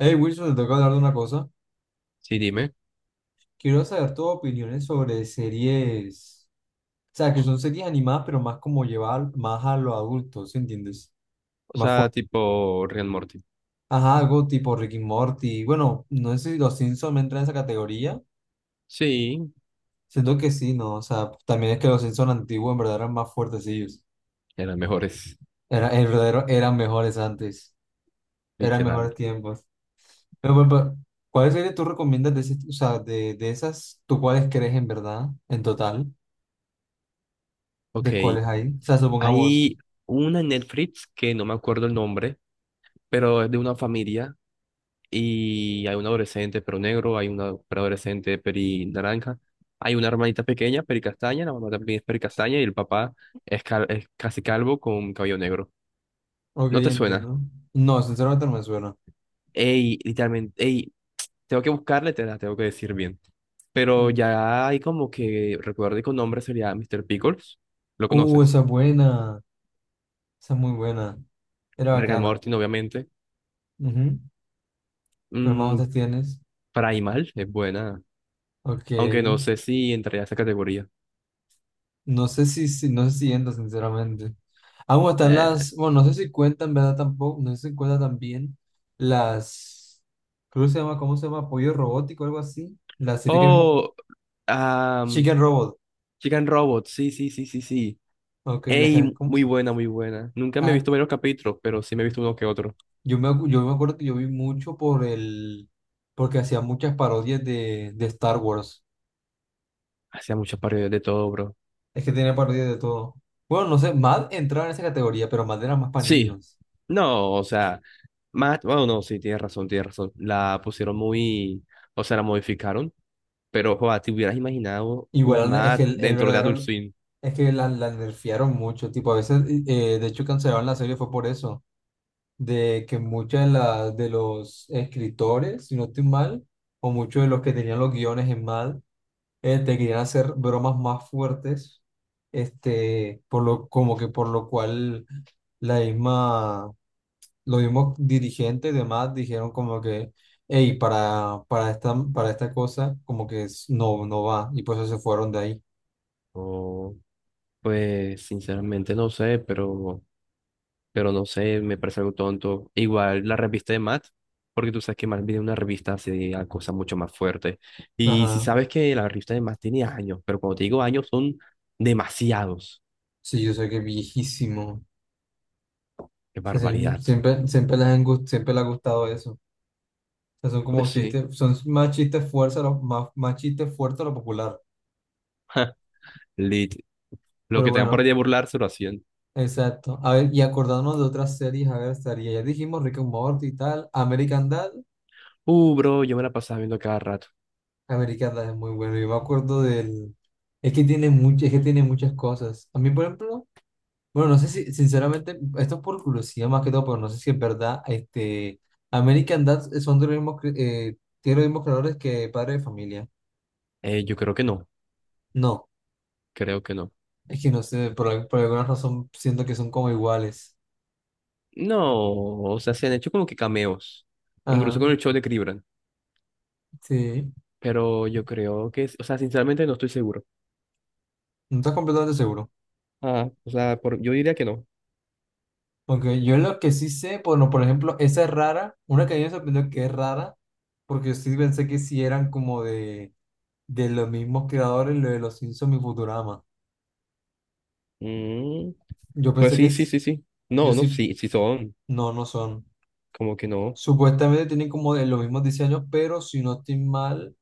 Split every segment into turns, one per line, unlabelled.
Hey Wilson, te tengo que hablar de una cosa.
Sí, dime.
Quiero saber tus opiniones sobre series, o sea, que son series animadas, pero más como llevar más a los adultos, ¿sí entiendes?
O
Más
sea,
fuerte.
tipo Rick and Morty.
Ajá, algo tipo Rick y Morty. Bueno, no sé si los Simpsons entran en esa categoría.
Sí,
Siento que sí, ¿no? O sea, también es que los Simpsons antiguos en verdad eran más fuertecillos.
eran mejores.
Era, en verdad eran mejores antes. Eran
Literal.
mejores tiempos. Pero, ¿cuáles series tú recomiendas de, o sea, de esas? ¿Tú cuáles crees en verdad, en total?
Ok,
¿De cuáles hay? O sea, supongamos.
hay una en Netflix que no me acuerdo el nombre, pero es de una familia y hay un adolescente pero negro, hay una adolescente peri naranja, hay una hermanita pequeña peri castaña, la mamá también es peri castaña y el papá es, es casi calvo con cabello negro.
Ok,
¿No te suena?
entiendo. No, sinceramente no me suena.
Ey, literalmente, ey, tengo que buscarle, te la tengo que decir bien. Pero ya hay como que, recuerdo con nombre sería Mr. Pickles, lo
Uh,
conoces.
esa es buena. Esa es muy buena. Era
Rick and
bacana.
Morty, obviamente.
Ujú. ¿Cuál más
Mm,
otras tienes?
Primal es buena,
Ok.
aunque no sé si entraría a esa categoría.
No sé no sé si entra, sinceramente. Ah, bueno están
Eh.
las. Bueno, no sé si cuentan, ¿verdad? Tampoco. No sé si cuentan también las. Creo que se llama, ¿cómo se llama? Pollo robótico o algo así. La serie que.
Oh, am,
Chicken Robot.
Chicken Robot, sí, sí, sí, sí, sí.
Ok, la que.
Ey,
¿Cómo?
muy buena, muy buena. Nunca me he visto varios capítulos, pero sí me he visto uno que otro.
Yo me, yo me acuerdo que yo vi mucho por el, porque hacía muchas parodias de Star Wars.
Hacía muchas parodias de todo, bro.
Es que tenía parodias de todo. Bueno, no sé, Mad entraba en esa categoría, pero Mad era más para
Sí,
niños.
no, o sea, más, bueno, no, sí, tienes razón, tienes razón. La pusieron muy, o sea, la modificaron. Pero, ¿te hubieras imaginado un
Igual es que
Matt
el
dentro de Adult
verdadero,
Swim?
es que la nerfearon mucho. Tipo, a veces, de hecho, cancelaron la serie fue por eso. De que muchas de, de los escritores, si no estoy mal, o muchos de los que tenían los guiones en Mad, te querían hacer bromas más fuertes, por lo, como que por lo cual la misma, los mismos dirigentes y demás dijeron como que, hey, para esta cosa, como que no, no va, y por eso se fueron de ahí.
O, pues, sinceramente no sé, pero no sé, me parece algo tonto. Igual la revista de Matt, porque tú sabes que Matt viene de una revista hace a cosas mucho más fuertes. Y si
Ajá,
sabes que la revista de Matt tiene años, pero cuando te digo años son demasiados.
sí, yo sé que es viejísimo.
¡Qué
O sea,
barbaridad!
siempre, siempre les han siempre les ha gustado eso. O sea, son como
Pues sí,
chistes, son más chistes fuertes, más, más chistes fuertes a lo popular.
lit. Lo
Pero
que tengan por ahí
bueno,
de burlarse lo hacían.
exacto. A ver, y acordándonos de otras series, a ver, estaría. Ya dijimos Rick and Morty y tal. American Dad.
Bro, yo me la pasaba viendo a cada rato.
American Dad es muy bueno. Yo me acuerdo del. Es que tiene mucho, es que tiene muchas cosas. A mí, por ejemplo, bueno, no sé si, sinceramente, esto es por curiosidad más que todo, pero no sé si es verdad. American Dad son de los mismos, tiene los mismos creadores que Padre de Familia.
Yo creo que no,
No,
creo que no.
es que no sé, por, por alguna razón siento que son como iguales.
No, o sea, se han hecho como que cameos, incluso
Ajá,
con el show de Cribran,
sí.
pero yo creo que, o sea, sinceramente no estoy seguro.
No estás completamente seguro.
Ah, o sea, por, yo diría que no.
Porque yo lo que sí sé, bueno, por ejemplo, esa es rara, una que a mí me sorprendió que es rara, porque yo sí pensé que sí eran como de los mismos creadores, lo de los Simpsons y Futurama.
Mm,
Yo
pues
pensé que,
sí, sí, sí, sí.
yo
No, no, sí,
sí,
sí son,
no, no son.
como que no.
Supuestamente tienen como de los mismos diseños, pero si no estoy mal,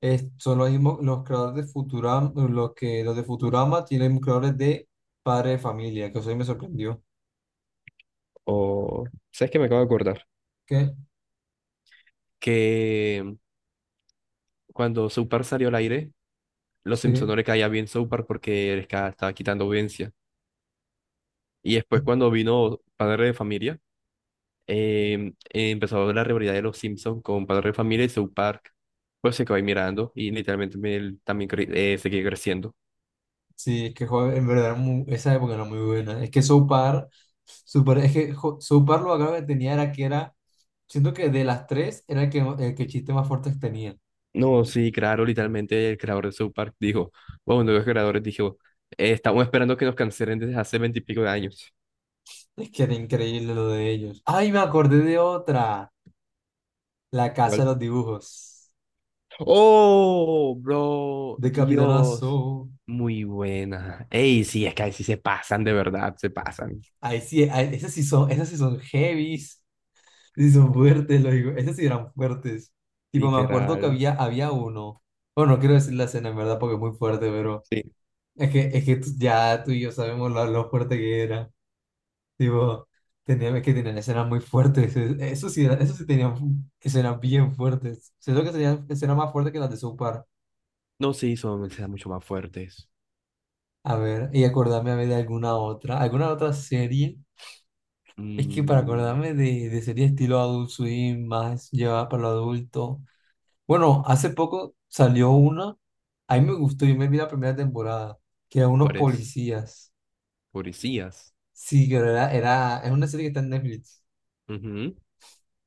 son los mismos, los creadores de Futurama, los que, los de Futurama tienen creadores de Padre de Familia, que eso sí me sorprendió.
O, ¿sabes qué me acabo de acordar?
¿Qué?
Que cuando Soupar salió al aire, los Simpson
Sí.
no le caía bien Soupar porque estaba quitando audiencia. Y después cuando vino Padre de Familia, empezó la rivalidad de los Simpsons con Padre de Familia y South Park. Pues se quedó ahí mirando y literalmente él también seguía creciendo.
Sí, es que joder, en verdad esa época era muy buena. Es que South Park, super, es que South Park lo bacano que tenía era que era, siento que de las tres era el que chiste más fuertes tenía.
No, sí, claro, literalmente el creador de South Park dijo, bueno, uno de los creadores dijo, estamos esperando que nos cancelen desde hace veintipico de años.
Es que era increíble lo de ellos. Ay, me acordé de otra, La Casa de
¿Cuál?
los Dibujos,
¡Oh, bro!
de
Dios.
Capitanazo.
Muy buena. Ey, sí, es que ahí sí se pasan, de verdad, se pasan.
Ahí sí, esas sí son heavies, sí son fuertes, lo digo, esas sí eran fuertes. Tipo, me acuerdo que
Literal.
había uno, bueno, no quiero decir la escena en verdad porque es muy fuerte, pero...
Sí.
Es que ya tú y yo sabemos lo fuerte que era. Tipo, tenían, es que tenían escenas muy fuertes. Eso sí, eso sí tenían escenas bien fuertes. Siento que tenían escenas más fuertes que las de South Park.
No, sí, son mensajes mucho más fuertes.
A ver, y acordarme a ver de alguna otra. ¿Alguna otra serie? Es que para
Mm,
acordarme de serie estilo Adult Swim, más llevada para lo adulto. Bueno, hace poco salió una. A mí me gustó, yo me vi la primera temporada, que era unos
¿Cuál es?
policías.
Policías.
Sí, que es una serie que está en Netflix.
Ujú.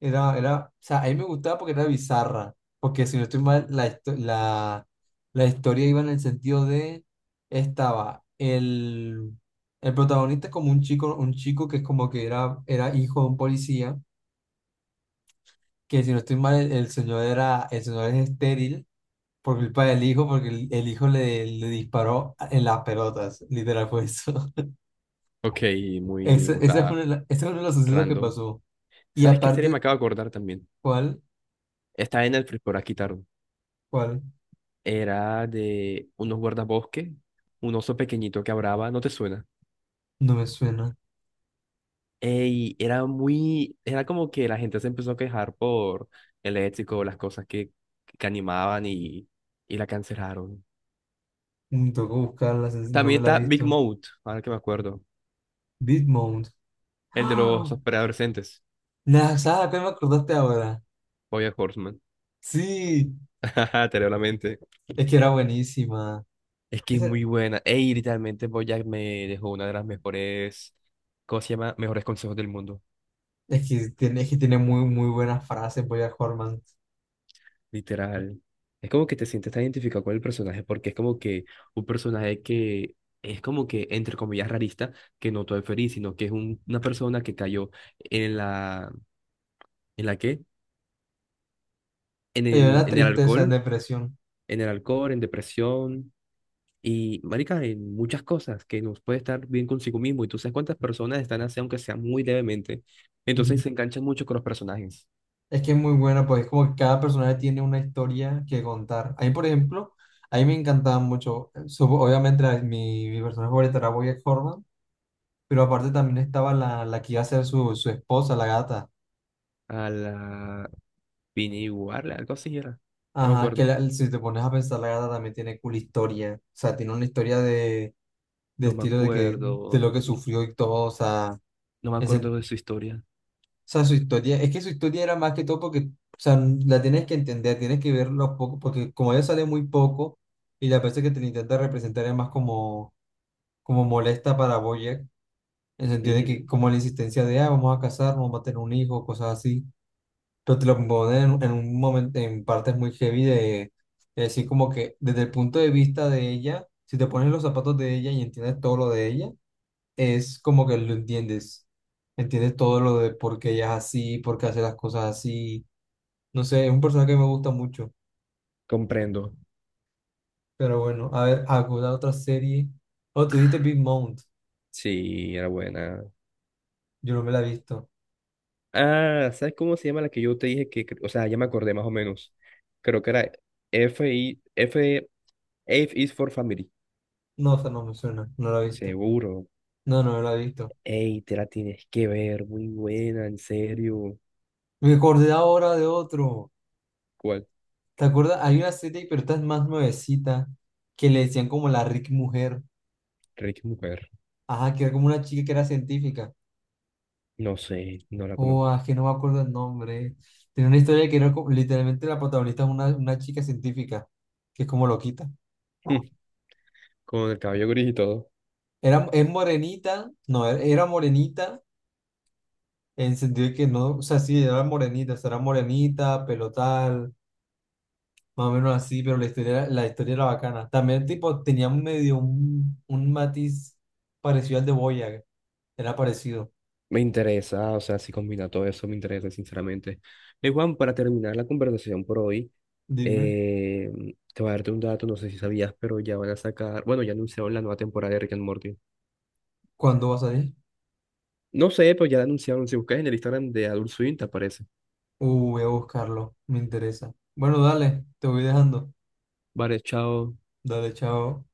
O sea, a mí me gustaba porque era bizarra, porque si no estoy mal, la historia iba en el sentido de, estaba el protagonista como un chico que es como que era hijo de un policía, que si no estoy mal, el señor era, el señor es estéril por culpa del hijo, porque el hijo le disparó en las pelotas, literal fue eso.
Ok, muy, o
Ese es uno
sea,
de ese es uno de los sucesos que
random.
pasó. Y
¿Sabes qué serie me
aparte,
acabo de acordar también?
¿cuál?
Está en Netflix, por aquí tarde.
¿Cuál?
Era de unos guardabosques, un oso pequeñito que hablaba, ¿no te suena?
No me suena.
Ey, era muy, era como que la gente se empezó a quejar por el ético, las cosas que animaban y la cancelaron.
Mm, tengo que buscarla, no
También
me la he
está Big
visto.
Mouth, ahora que me acuerdo,
Bitmount.
el de los
¡Ah!
preadolescentes,
La saga que me acordaste ahora.
Boya Horseman.
Sí,
Te leo la mente.
es que era buenísima.
Es que es
Ese-
muy buena. Ey, literalmente Bojack me dejó una de las mejores, ¿cómo se llama? Mejores consejos del mundo.
es, que tiene, es que tiene muy, muy buenas frases, Bojack Horseman.
Literal. Es como que te sientes tan identificado con el personaje porque es como que un personaje que es como que, entre comillas, rarista, que no todo es feliz, sino que es una persona que cayó en la, ¿en la qué?
Oye, la
En el
tristeza,
alcohol,
depresión.
en el alcohol, en depresión. Y, marica, en muchas cosas que nos puede estar bien consigo mismo. Y tú sabes cuántas personas están así, aunque sea muy levemente. Entonces
Ujú.
se enganchan mucho con los personajes.
Es que es muy buena, pues es como que cada personaje tiene una historia que contar. A mí, por ejemplo, a mí me encantaba mucho. Obviamente, mi personaje favorito era Bojack Horseman, pero aparte también estaba la que iba a ser su esposa, la gata.
A la Vinnie Warla, algo así era. No me
Ajá, que
acuerdo.
si te pones a pensar, la gata también tiene cool historia. O sea, tiene una historia de
No me
estilo de que de
acuerdo.
lo que sufrió y todo. O sea,
No me
o
acuerdo de su historia.
sea, su historia, es que su historia era más que todo porque, o sea, la tienes que entender, tienes que verlo poco, porque como ella sale muy poco y la persona que te la intenta representar es más como, como molesta para Boyer, en el sentido de que
Ujú.
como la insistencia de, ah, vamos a casar, vamos a tener un hijo, cosas así. Pero te lo componen en un momento, en partes muy heavy de, es decir, como que desde el punto de vista de ella, si te pones en los zapatos de ella y entiendes todo lo de ella, es como que lo entiendes, entiendes todo lo de por qué ella es así, por qué hace las cosas así, no sé, es un personaje que me gusta mucho,
Comprendo.
pero bueno, a ver, alguna otra serie, oh, tú dijiste Big Mount,
Sí, era buena.
yo no me la he visto,
Ah, ¿sabes cómo se llama la que yo te dije que, o sea, ya me acordé más o menos. Creo que era F, I, F, F is for Family.
no, o sea, no me suena, no la he visto,
Seguro.
no me la he visto,
Ey, te la tienes que ver, muy buena, en serio.
me acordé ahora de otro.
¿Cuál?
¿Te acuerdas? Hay una serie, pero esta es más nuevecita, que le decían como la Rick Mujer.
Ricky Mujer.
Ajá, que era como una chica que era científica.
No sé, no la
Oh,
conozco.
ah, que no me acuerdo el nombre. Tenía una historia que era como- literalmente la protagonista es una chica científica, que es como loquita.
Con el cabello gris y todo.
Es morenita, no, era morenita, en el sentido de que no, o sea, sí, era morenita, o sea, era morenita, pelo tal, más o menos así, pero la historia, la historia era bacana. También, tipo, tenía medio un matiz parecido al de Boyac, era parecido.
Me interesa, o sea, si combina todo eso, me interesa, sinceramente. Ey, Juan, para terminar la conversación por hoy,
Dime,
eh, te voy a darte un dato, no sé si sabías, pero ya van a sacar, bueno, ya anunciaron la nueva temporada de Rick and Morty.
¿cuándo vas a ir?
No sé, pero ya la anunciaron, si buscas en el Instagram de Adult Swim, te aparece.
Voy a buscarlo, me interesa. Bueno, dale, te voy dejando.
Vale, chao.
Dale, chao.